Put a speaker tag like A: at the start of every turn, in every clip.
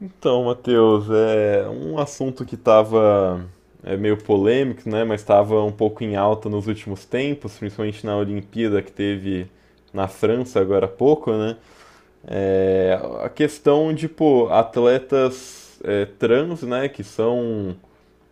A: Então, Matheus, é um assunto que estava meio polêmico, né? Mas estava um pouco em alta nos últimos tempos, principalmente na Olimpíada que teve na França agora há pouco, né? É, a questão de, pô, atletas trans, né? Que são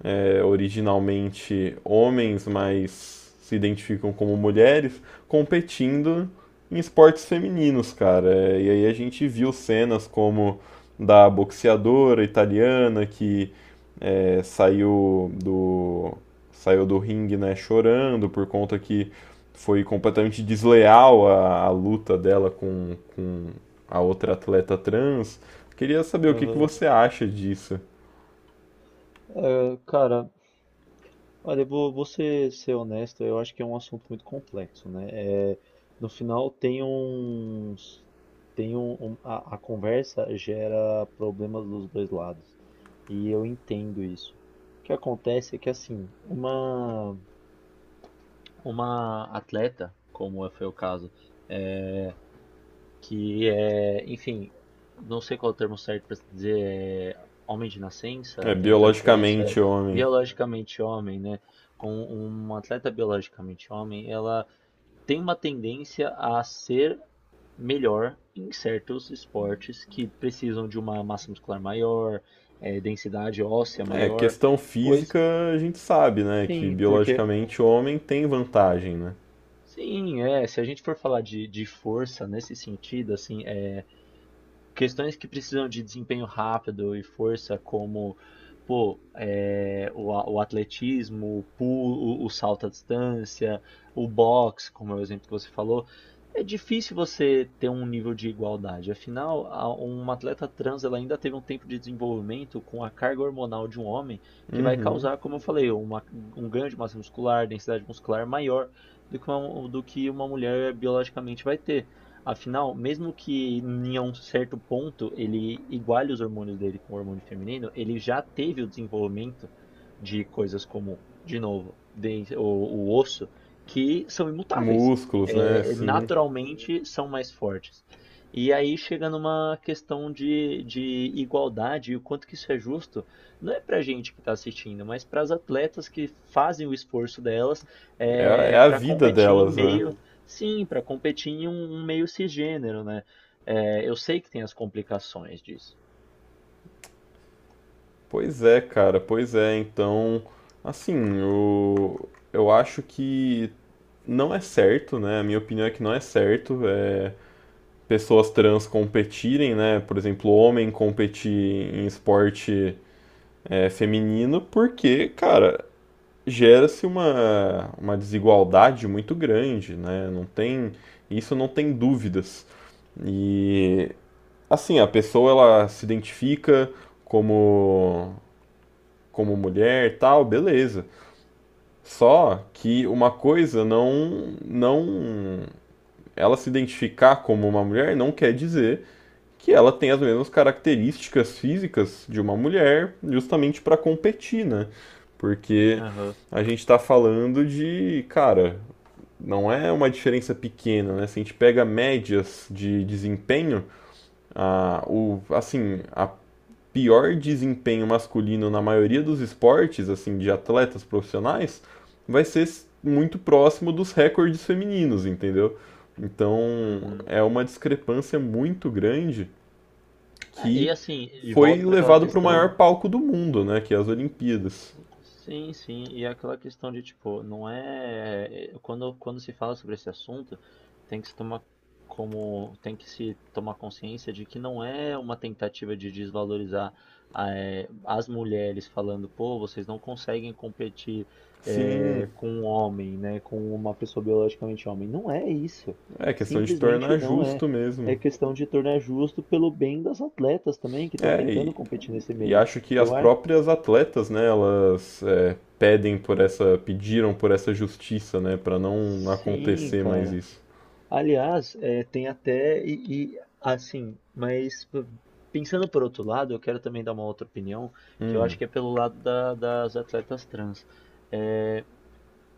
A: é, originalmente homens, mas se identificam como mulheres, competindo em esportes femininos, cara. É, e aí a gente viu cenas como da boxeadora italiana que saiu do ringue, né, chorando por conta que foi completamente desleal a luta dela com a outra atleta trans. Queria saber o que
B: Aham.
A: você acha disso.
B: Cara, olha, eu vou ser honesto, eu acho que é um assunto muito complexo, né? É, no final tem uns, tem um, um- a conversa gera problemas dos dois lados, e eu entendo isso. O que acontece é que assim, uma atleta, como é, foi o caso, que é, enfim, não sei qual é o termo certo para dizer, é homem de
A: É
B: nascença, tem um termo para isso,
A: biologicamente homem.
B: biologicamente homem, né? Com uma atleta biologicamente homem, ela tem uma tendência a ser melhor em certos esportes que precisam de uma massa muscular maior, densidade óssea
A: É,
B: maior,
A: questão
B: pois.
A: física a gente sabe, né? Que
B: Sim, porque
A: biologicamente o homem tem vantagem, né?
B: sim, é, se a gente for falar de força nesse sentido, assim, é questões que precisam de desempenho rápido e força, como pô, o atletismo, o pulo, o salto à distância, o boxe, como é o exemplo que você falou, é difícil você ter um nível de igualdade. Afinal, uma atleta trans ela ainda teve um tempo de desenvolvimento com a carga hormonal de um homem que vai
A: Uhum.
B: causar, como eu falei, um ganho de massa muscular, densidade muscular maior do que uma mulher biologicamente vai ter. Afinal, mesmo que em um certo ponto ele iguale os hormônios dele com o hormônio feminino, ele já teve o desenvolvimento de coisas como, de novo, o osso, que são imutáveis.
A: Músculos, né?
B: É,
A: Sim.
B: naturalmente são mais fortes. E aí chega numa questão de igualdade e o quanto que isso é justo, não é para a gente que está assistindo, mas para as atletas que fazem o esforço delas,
A: É, a- é
B: é,
A: a
B: para
A: vida
B: competir em
A: delas, né?
B: meio. Sim, para competir em um meio cisgênero, né. Eu sei que tem as complicações disso.
A: Pois é, cara, pois é. Então, assim, eu acho que não é certo, né? A minha opinião é que não é certo, pessoas trans competirem, né? Por exemplo, homem competir em esporte feminino, porque, cara, gera-se uma desigualdade muito grande, né? Não tem, isso não tem dúvidas. E assim, a pessoa ela se identifica como como mulher, e tal, beleza. Só que uma coisa não, ela se identificar como uma mulher não quer dizer que ela tem as mesmas características físicas de uma mulher, justamente para competir, né? Porque
B: Aham,
A: a gente está falando de, cara, não é uma diferença pequena, né? Se a gente pega médias de desempenho, a, o, assim, a pior desempenho masculino na maioria dos esportes, assim, de atletas profissionais, vai ser muito próximo dos recordes femininos, entendeu? Então
B: uhum.
A: é uma discrepância muito grande
B: É, e
A: que
B: assim, de
A: foi
B: volta para aquela
A: levado para o
B: questão.
A: maior palco do mundo, né? Que é as Olimpíadas.
B: Sim, sim, e é aquela questão de tipo, não é. Quando, quando se fala sobre esse assunto, tem que se tomar como. Tem que se tomar consciência de que não é uma tentativa de desvalorizar, as mulheres falando, pô, vocês não conseguem competir,
A: Sim,
B: com um homem, né? Com uma pessoa biologicamente homem. Não é isso.
A: é questão de
B: Simplesmente
A: tornar
B: não é.
A: justo
B: É
A: mesmo.
B: questão de tornar justo pelo bem das atletas também, que estão
A: É,
B: tentando
A: e,
B: competir nesse
A: E
B: meio.
A: acho que as
B: Eu acho.
A: próprias atletas, né, elas pedem por essa, pediram por essa justiça, né, para não
B: Sim,
A: acontecer mais
B: cara.
A: isso.
B: Aliás, é, tem até e, assim, mas p- pensando por outro lado, eu quero também dar uma outra opinião, que eu acho que é pelo lado das atletas trans. É,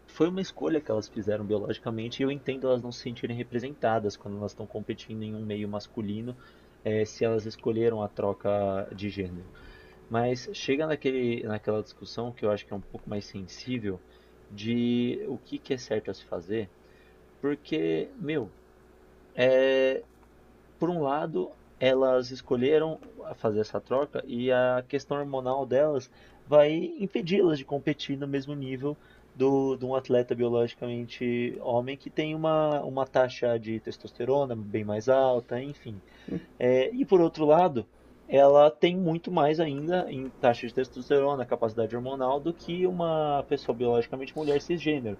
B: foi uma escolha que elas fizeram biologicamente e eu entendo elas não se sentirem representadas quando elas estão competindo em um meio masculino, é, se elas escolheram a troca de gênero. Mas chega naquela discussão que eu acho que é um pouco mais sensível de o que que é certo a se fazer, porque, meu, por um lado, elas escolheram fazer essa troca e a questão hormonal delas vai impedi-las de competir no mesmo nível de um atleta biologicamente homem que tem uma taxa de testosterona bem mais alta, enfim. É, e por outro lado, ela tem muito mais ainda em taxa de testosterona, capacidade hormonal, do que uma pessoa biologicamente mulher cisgênero.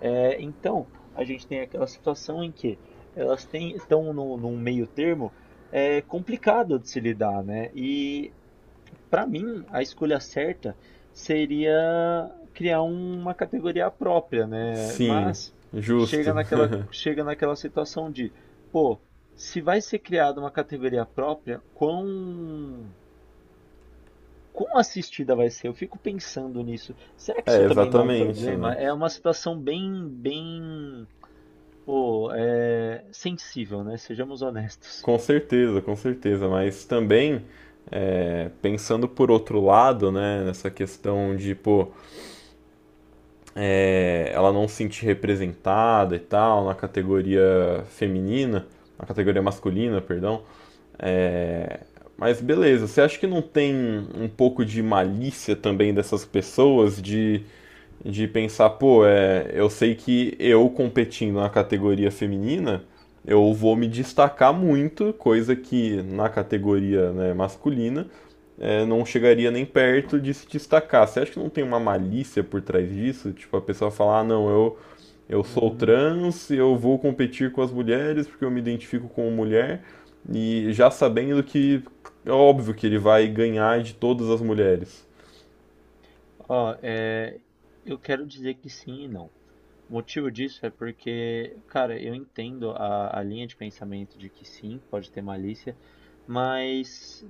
B: É, então, a gente tem aquela situação em que elas têm, estão num meio termo, é, complicado de se lidar, né? E para mim, a escolha certa seria criar uma categoria própria, né?
A: Sim,
B: Mas
A: justo.
B: chega naquela situação de, pô, se vai ser criada uma categoria própria, quão assistida vai ser? Eu fico pensando nisso. Será que
A: É,
B: isso também não é um
A: exatamente, né?
B: problema? É uma situação bem, pô, sensível, né? Sejamos honestos.
A: Com certeza, mas também é, pensando por outro lado, né, nessa questão de, pô, é, ela não se sentir representada e tal na categoria feminina, na categoria masculina, perdão, é, mas beleza, você acha que não tem um pouco de malícia também dessas pessoas de pensar, pô, é, eu sei que eu competindo na categoria feminina, eu vou me destacar muito, coisa que na categoria, né, masculina não chegaria nem perto de se destacar. Você acha que não tem uma malícia por trás disso? Tipo, a pessoa falar, ah, não, eu sou
B: Hum,
A: trans, eu vou competir com as mulheres porque eu me identifico como mulher, e já sabendo que é óbvio que ele vai ganhar de todas as mulheres.
B: ó, é, eu quero dizer que sim e não. O motivo disso é porque, cara, eu entendo a linha de pensamento de que sim, pode ter malícia, mas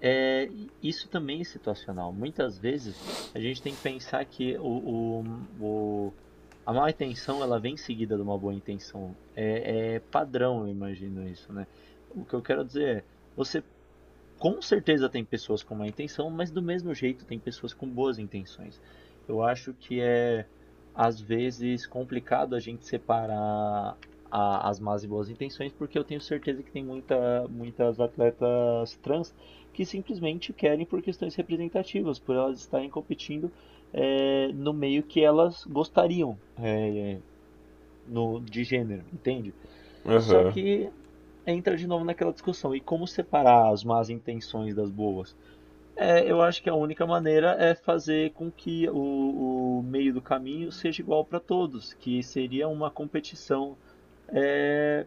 B: é, isso também é situacional. Muitas vezes a gente tem que pensar que o- a má intenção ela vem seguida de uma boa intenção. É, é padrão, eu imagino isso, né? O que eu quero dizer é, você com certeza tem pessoas com má intenção, mas do mesmo jeito tem pessoas com boas intenções. Eu acho que é, às vezes, complicado a gente separar as más e boas intenções, porque eu tenho certeza que tem muitas atletas trans que simplesmente querem por questões representativas, por elas estarem competindo, no meio que elas gostariam, no, de gênero, entende? Só
A: Aham,
B: que entra de novo naquela discussão, e como separar as más intenções das boas? É, eu acho que a única maneira é fazer com que o meio do caminho seja igual para todos, que seria uma competição, é,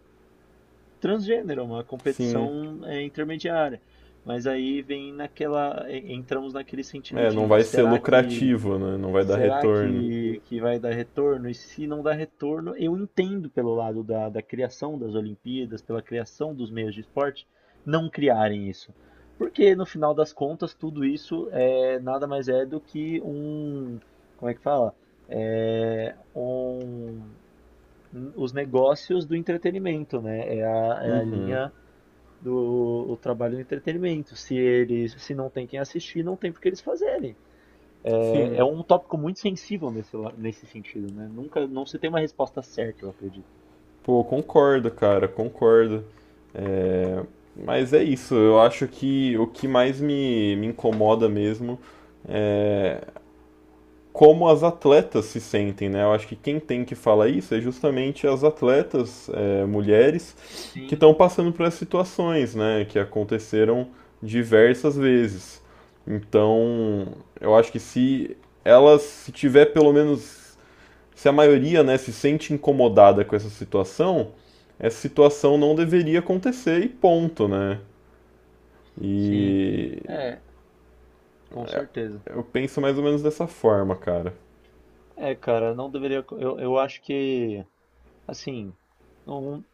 B: transgênero, uma
A: sim.
B: competição, intermediária. Mas aí vem naquela, entramos naquele sentido
A: É, não
B: de
A: vai ser
B: será que.
A: lucrativo, né? Não vai dar
B: Será
A: retorno.
B: que vai dar retorno? E se não dar retorno, eu entendo pelo lado da criação das Olimpíadas, pela criação dos meios de esporte, não criarem isso. Porque no final das contas, tudo isso é nada mais é do que um. Como é que fala? É, um, os negócios do entretenimento, né? É é a
A: Uhum.
B: linha do o trabalho do entretenimento. Se eles, se não tem quem assistir, não tem por que eles fazerem. É, é
A: Sim.
B: um tópico muito sensível nesse, nesse sentido, né? Nunca, não se tem uma resposta certa, eu acredito.
A: Pô, concordo, cara, concordo. É, mas é isso, eu acho que o que mais me incomoda mesmo, como as atletas se sentem, né? Eu acho que quem tem que falar isso é justamente as atletas, é, mulheres, que
B: Sim,
A: estão passando por essas situações, né? Que aconteceram diversas vezes. Então, eu acho que se elas, se tiver pelo menos se a maioria né, se sente incomodada com essa situação não deveria acontecer e ponto, né?
B: sim.
A: E
B: É, com certeza.
A: eu penso mais ou menos dessa forma, cara.
B: É, cara, não deveria. Eu acho que, assim, não-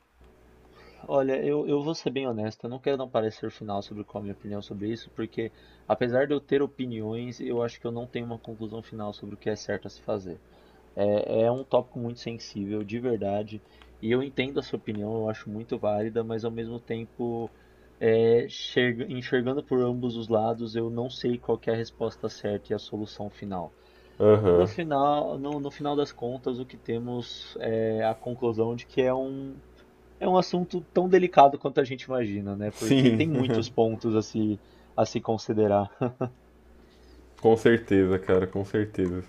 B: olha, eu vou ser bem honesto, eu não quero dar um parecer final sobre qual é a minha opinião sobre isso, porque apesar de eu ter opiniões, eu acho que eu não tenho uma conclusão final sobre o que é certo a se fazer. É, é um tópico muito sensível, de verdade. E eu entendo a sua opinião, eu acho muito válida, mas ao mesmo tempo, é, enxergando por ambos os lados, eu não sei qual que é a resposta certa e a solução final. No
A: Aham.
B: final, no final das contas, o que temos é a conclusão de que é um assunto tão delicado quanto a gente imagina, né? Porque tem
A: Sim,
B: muitos pontos a se considerar.
A: com certeza, cara, com certeza.